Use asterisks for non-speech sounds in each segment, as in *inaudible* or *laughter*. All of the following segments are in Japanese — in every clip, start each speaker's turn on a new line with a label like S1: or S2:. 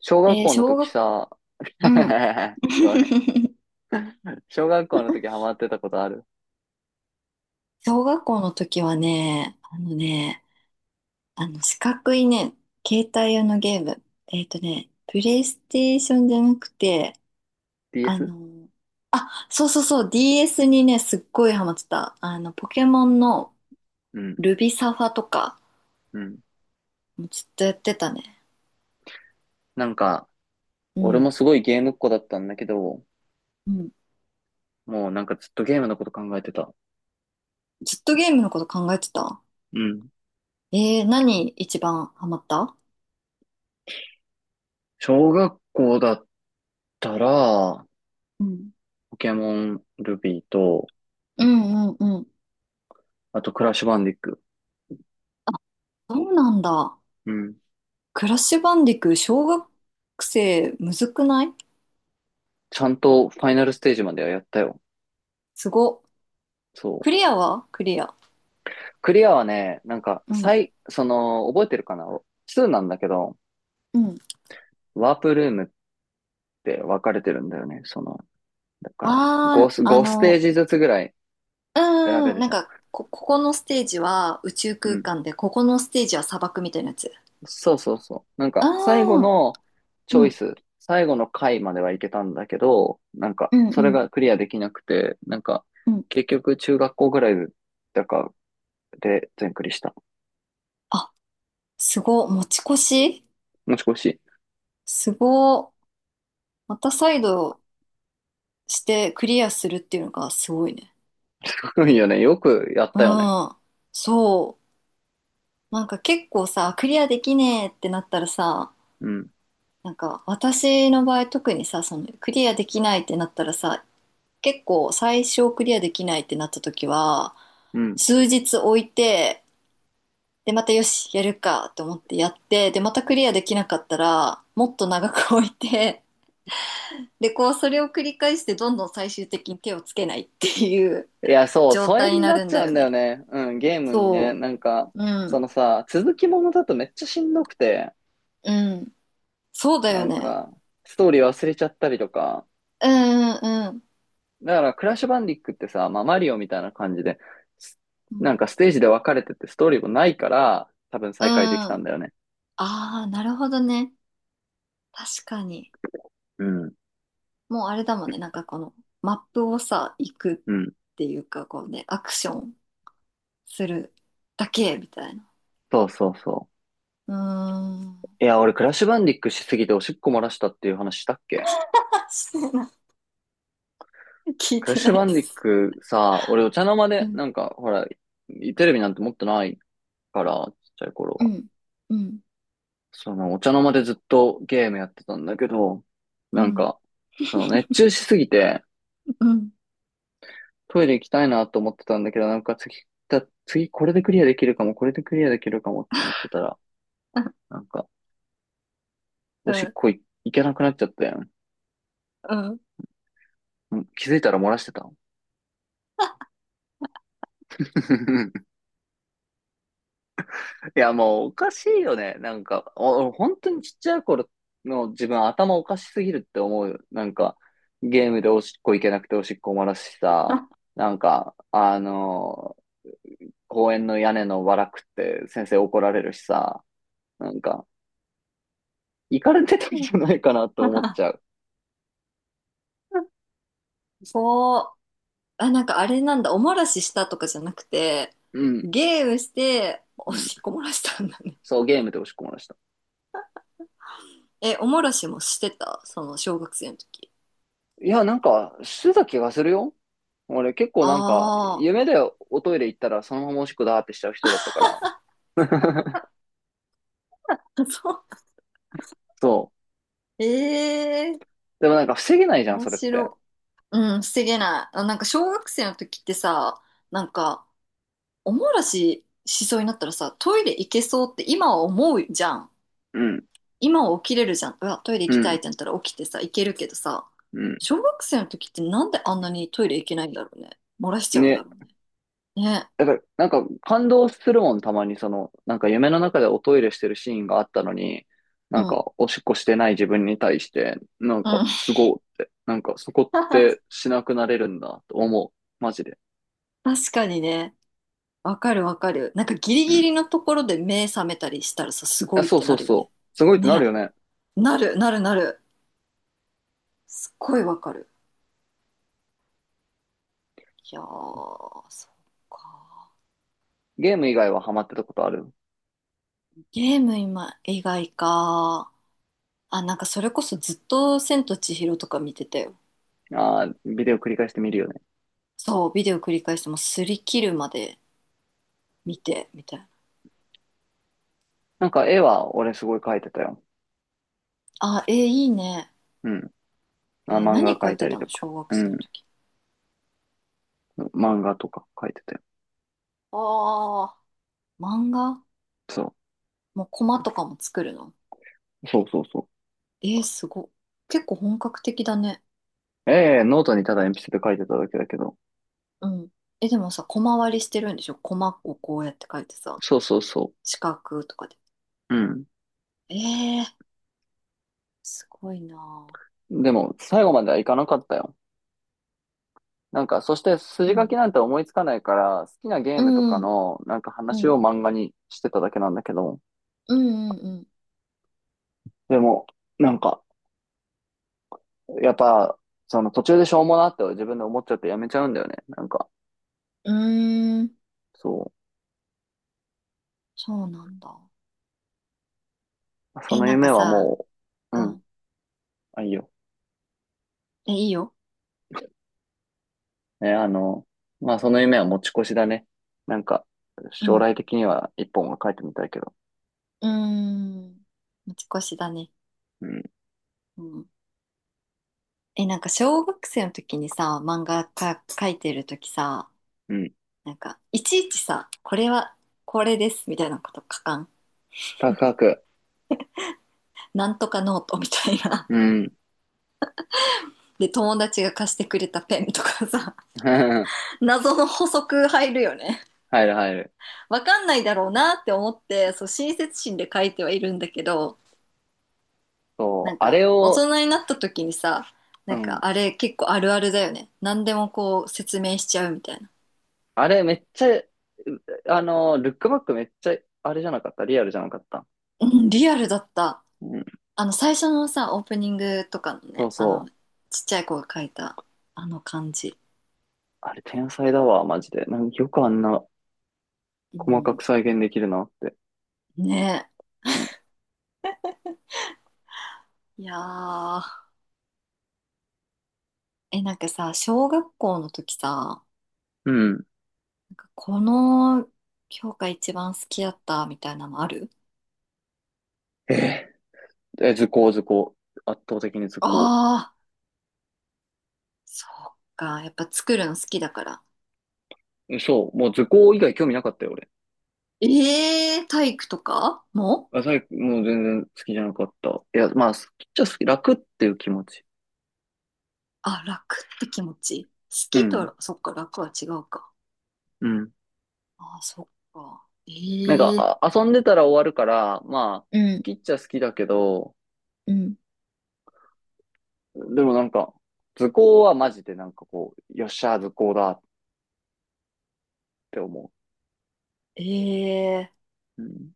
S1: 小学
S2: えー
S1: 校の
S2: 小
S1: 時
S2: 学、
S1: さ、
S2: うん。
S1: *laughs* ごめん。
S2: *laughs*
S1: 小学校の時ハマってたことある
S2: 小学校の時はね、あのね、あの四角いね、携帯用のゲーム。プレイステーションじゃなくて、あ
S1: ?DS?
S2: の、あ、そうそうそう、DS にね、すっごいハマってた。ポケモンの
S1: うん、
S2: ルビサファとか、
S1: うん。
S2: もうずっとやってたね。
S1: なんか、
S2: う
S1: 俺
S2: ん。
S1: もすごいゲームっ子だったんだけど、
S2: うん。
S1: もうなんかずっとゲームのこと考えてた。
S2: ずっとゲームのこと考えてた。
S1: うん。
S2: 何一番ハマった？
S1: 小学校だったら、
S2: うん。
S1: ポケモン、ルビーと、
S2: うんうんうん。
S1: あとクラッシュバンディック。
S2: そうなんだ。
S1: うん。
S2: クラッシュバンディク小学生、むずくない？
S1: ちゃんとファイナルステージまではやったよ。
S2: すご。
S1: そ
S2: ク
S1: う。
S2: リアはクリア？
S1: クリアはね、なんか、
S2: うん。
S1: その、覚えてるかな ?2 なんだけど、
S2: うん。
S1: ワープルームって分かれてるんだよね。その、だから、5、5
S2: ああ、
S1: ステージずつぐらい
S2: う
S1: 選べる
S2: な
S1: じ
S2: ん
S1: ゃん。
S2: か、ここのステージは宇宙
S1: う
S2: 空
S1: ん。
S2: 間で、ここのステージは砂漠みたいなやつ。
S1: そうそうそう。なん
S2: あ
S1: か、最後
S2: あ、
S1: のチ
S2: う
S1: ョイ
S2: ん。
S1: ス、最後の回まではいけたんだけど、なんか、
S2: うん
S1: それ
S2: うん
S1: がクリアできなくて、なんか、
S2: うん。
S1: 結局、中学校ぐらいだかで全クリした。
S2: あ、すご。持ち越し。
S1: もしもし。
S2: すご。また再度してクリアするっていうのがすごいね。
S1: *laughs* すごいよね。よくやっ
S2: う
S1: たよね。
S2: ん。そう。なんか結構さ、クリアできねえってなったらさ、
S1: うん。
S2: なんか私の場合特にさ、そのクリアできないってなったらさ、結構最初クリアできないってなった時は、
S1: うん。
S2: 数日置いて、で、またよし、やるかと思ってやって、で、またクリアできなかったら、もっと長く置いて、で、こう、それを繰り返して、どんどん最終的に手をつけないっていう
S1: いや、そう、
S2: 状
S1: 疎
S2: 態
S1: 遠
S2: に
S1: に
S2: な
S1: なっ
S2: るん
S1: ちゃ
S2: だ
S1: う
S2: よ
S1: んだよ
S2: ね。
S1: ね。うん、ゲームにね。
S2: そ
S1: なんか、
S2: う。う
S1: そ
S2: ん。
S1: のさ、続きものだとめっちゃしんどくて、
S2: うん。そうだ
S1: な
S2: よ
S1: ん
S2: ね。
S1: か、ストーリー忘れちゃったりとか、
S2: うん、うん、
S1: だから、クラッシュバンディックってさ、まあ、マリオみたいな感じで、す
S2: う
S1: な
S2: ん。
S1: んかステージで分かれててストーリーもないから、多分
S2: うん。
S1: 再開できた
S2: あ
S1: んだよね。
S2: あー、なるほどね。確かに。
S1: うん。
S2: もうあれだもんね、なんかこのマップをさ、行く
S1: うん。
S2: っていうか、こうね、アクションするだけみたいな。
S1: そうそうそ
S2: うー
S1: う。
S2: ん、
S1: いや、俺、クラッシュバンディックしすぎておしっこ漏らしたっていう話したっけ？
S2: *laughs* してない。*laughs* 聞い
S1: クラッ
S2: て
S1: シ
S2: な
S1: ュバ
S2: い
S1: ン
S2: で
S1: ディッ
S2: す。
S1: クさ、俺、お茶の間
S2: う
S1: で、
S2: ん、
S1: なんか、ほら、テレビなんて持ってないから、ちっちゃい頃
S2: う
S1: は。
S2: ん、うん、
S1: その、お茶の間でずっとゲームやってたんだけど、
S2: う
S1: なん
S2: ん、
S1: か、その、熱中しすぎて、
S2: うん、
S1: トイレ行きたいなと思ってたんだけど、なんか次これでクリアできるかも、これでクリアできるかもと思ってたら、なんか、お
S2: う
S1: しっ
S2: ん、
S1: こい、行けなくなっちゃったやん。
S2: うん。
S1: うん。気づいたら漏らしてた。*laughs* いや、もうおかしいよね。なんか、本当にちっちゃい頃の自分頭おかしすぎるって思うよ。なんか、ゲームでおしっこ行けなくておしっこ漏らしさ、なんか、公園の屋根のわらくって先生怒られるしさ、なんか、行かれてたんじゃないかなと思っちゃう。
S2: そう。あ、なんかあれなんだ、お漏らししたとかじゃなくて、
S1: うん、
S2: ゲームして、お
S1: うん。
S2: しっこ漏らしたんだね。
S1: そう、ゲームで押し込まれました。
S2: え、お漏らしもしてたその小学生の時？
S1: いや、なんか、してた気がするよ。俺、結構なんか、
S2: あ
S1: 夢でおトイレ行ったらそのままおしっこだーってしちゃう人だったから。*laughs*
S2: あ、*laughs* そう。
S1: そう。
S2: ええ、
S1: でもなんか、防げないじゃん、
S2: 面
S1: それって。
S2: 白い。うん、防げない。あ、なんか小学生の時ってさ、なんか、お漏らししそうになったらさ、トイレ行けそうって今は思うじゃん。
S1: うん、
S2: 今は起きれるじゃん。うわ、トイレ
S1: う
S2: 行きたいっ
S1: ん、
S2: てなったら起きてさ、行けるけどさ、
S1: うん。
S2: 小学生の時ってなんであんなにトイレ行けないんだろうね。漏らしちゃうんだ
S1: ね。
S2: ろうね。ね。
S1: だから、なんか、感動するもん、たまに、その、なんか、夢の中でおトイレしてるシーンがあったのに、な
S2: う
S1: ん
S2: ん。
S1: か、おしっこしてない自分に対して、なん
S2: う
S1: か、
S2: ん。
S1: すごいって、なんか、そこって
S2: *laughs*
S1: しなくなれるんだ、と思う。マジで。
S2: 確かにね。わかるわかる。なんかギリ
S1: うん。
S2: ギリのところで目覚めたりしたらさ、す
S1: あ、
S2: ごいっ
S1: そう
S2: て
S1: そ
S2: な
S1: う
S2: るよ
S1: そ
S2: ね。
S1: う。すごいってなる
S2: ね。
S1: よね。
S2: なる、なる、なる。すっごいわかる。いやー、そっか。
S1: ゲーム以外はハマってたことある？
S2: ゲーム今、以外か。あ、なんかそれこそずっと「千と千尋」とか見てたよ。
S1: ああー、ビデオ繰り返して見るよね。
S2: そう、ビデオ繰り返してもう擦り切るまで見て、みたいな。
S1: なんか絵は俺すごい描いてたよ。
S2: あ、えーいいね。
S1: うん。
S2: え
S1: あ、
S2: ー
S1: 漫画
S2: 何書
S1: 描
S2: い
S1: い
S2: て
S1: たり
S2: た
S1: と
S2: の
S1: か。
S2: 小学
S1: う
S2: 生の
S1: ん。
S2: 時？
S1: 漫画とか描いてたよ。
S2: ああ、漫画。
S1: そ
S2: もうコマとかも作るの？
S1: う。そうそうそ
S2: えーすごっ。結構本格的だね。
S1: う。ええ、ノートにただ鉛筆で描いてただけだけど。
S2: うん。え、でもさ、コマ割りしてるんでしょ？コマをこうやって書いてさ、
S1: そうそうそ
S2: 四角とかで。
S1: う。う
S2: えー、すごいなぁ。
S1: ん。でも、最後まではいかなかったよ。なんか、そして
S2: う
S1: 筋書き
S2: ん
S1: なんて思いつかないから、好きなゲー
S2: う
S1: ムとか
S2: ん、うん、
S1: の、なんか
S2: う
S1: 話
S2: ん、
S1: を漫画にしてただけなんだけど、
S2: うん、
S1: でも、なんか、やっぱ、その途中でしょうもなって自分で思っちゃってやめちゃうんだよね。なんか、
S2: うん。うーん、
S1: そ
S2: そうなんだ。
S1: う。そ
S2: え、
S1: の
S2: なんか
S1: 夢は
S2: さ、
S1: もう、
S2: う
S1: うん、
S2: ん。
S1: あ、いいよ。
S2: え、いいよ。
S1: ね、まあその夢は持ち越しだね。なんか、
S2: う
S1: 将
S2: ん。
S1: 来的には一本は書いてみたいけど。
S2: うーん。持ち越しだね。
S1: うん、
S2: うん。え、なんか小学生の時にさ、漫画か書いてる時さ、
S1: うん。
S2: なんか、いちいちさ、これは、これです、みたいなこと書かん？
S1: 高く。
S2: なんとかノートみたいな。
S1: うん。
S2: *laughs* で、友達が貸してくれたペンとかさ、
S1: *laughs*
S2: *laughs* 謎の補足入るよね。
S1: 入る入る。
S2: わかんないだろうなって思って、そう、親切心で書いてはいるんだけど、
S1: そ
S2: な
S1: う。
S2: ん
S1: あ
S2: か、
S1: れ
S2: 大
S1: を、
S2: 人になった時にさ、
S1: う
S2: なん
S1: ん。
S2: かあれ結構あるあるだよね。何でもこう説明しちゃうみたいな。
S1: あれめっちゃ、うあの、ルックバックめっちゃ、あれじゃなかった。リアルじゃなかった。
S2: うん、リアルだった。
S1: うん。
S2: あの、最初のさ、オープニングとかの
S1: そう
S2: ね、あの、
S1: そう。
S2: ちっちゃい子が書いた、あの感じ。
S1: あれ天才だわ、マジで。なんかよくあんな
S2: う
S1: 細か
S2: ん。
S1: く再現できるなって。
S2: ね
S1: うん
S2: え。いやー。え、なんかさ、小学校の時さ、
S1: うん。
S2: なんかこの教科一番好きだったみたいなのある？
S1: え図工、図工。圧倒的に図工。
S2: ああー、そっか。やっぱ作るの好きだから。
S1: そう、もう図工以外興味なかったよ、俺。
S2: ええー、体育とかも？
S1: あ、もう全然好きじゃなかった。いや、まあ、好きっちゃ好き、楽っていう気持ち。
S2: あ、楽って気持ち。好
S1: う
S2: き
S1: ん、
S2: と、そっか、楽は違うか。
S1: うん。
S2: あ、そっか。
S1: なん
S2: ええ、
S1: か、あ、遊んでたら終わるから、まあ、好
S2: うん、
S1: きっちゃ好きだけど、
S2: うん。
S1: でもなんか、図工はマジでなんかこう、よっしゃ、図工だって思
S2: ええ、
S1: う。うん、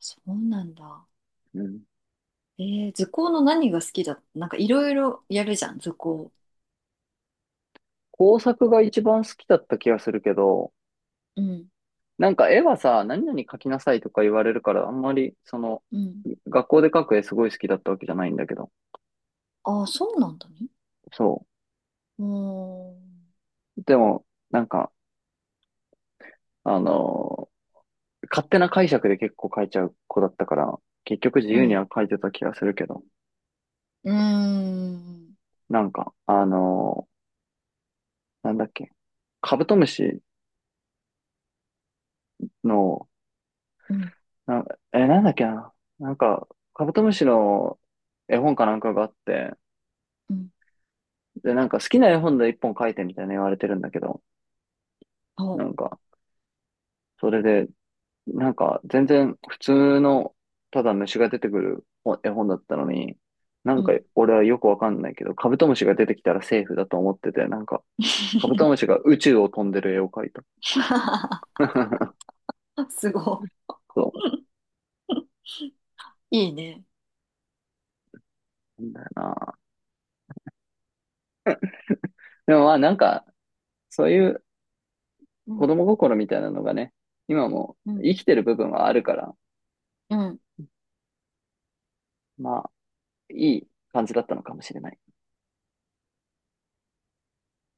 S2: そうなんだ。
S1: うん。
S2: ええ、図工の何が好きだ？なんかいろいろやるじゃん、図工。
S1: 工作が一番好きだった気がするけど、
S2: うん、
S1: なんか絵はさ、何々描きなさいとか言われるから、あんまり、その、
S2: うん、
S1: 学校で描く絵すごい好きだったわけじゃないんだけど。
S2: ああ、そうなんだね。
S1: そ
S2: うーん。
S1: う。でも、なんか、あのー勝手な解釈で結構描いちゃう子だったから、結局自
S2: う
S1: 由に
S2: ん、
S1: は描いてた気がするけど。
S2: うーん、
S1: なんか、なんだっけ、カブトムシの、
S2: うん、
S1: な、なんだっけな。なんか、カブトムシの絵本かなんかがあって、
S2: うん。
S1: で、なんか好きな絵本で一本描いてみたいな言われてるんだけど、な
S2: お、
S1: んか、それで、なんか、全然普通の、ただ虫が出てくる絵本だったのに、な
S2: う
S1: んか
S2: ん、
S1: 俺はよくわかんないけど、カブトムシが出てきたらセーフだと思ってて、なんか、カブトムシが宇宙を飛んでる絵を描いた。
S2: *laughs*
S1: *laughs*
S2: すご
S1: そ
S2: い。いいね。
S1: うなんだよな。でもまあなんか、そういう
S2: う
S1: 子
S2: ん、
S1: 供心みたいなのがね、今も
S2: うん、
S1: 生きてる部分はあるから、
S2: うん。
S1: まあ、いい感じだったのかもしれない。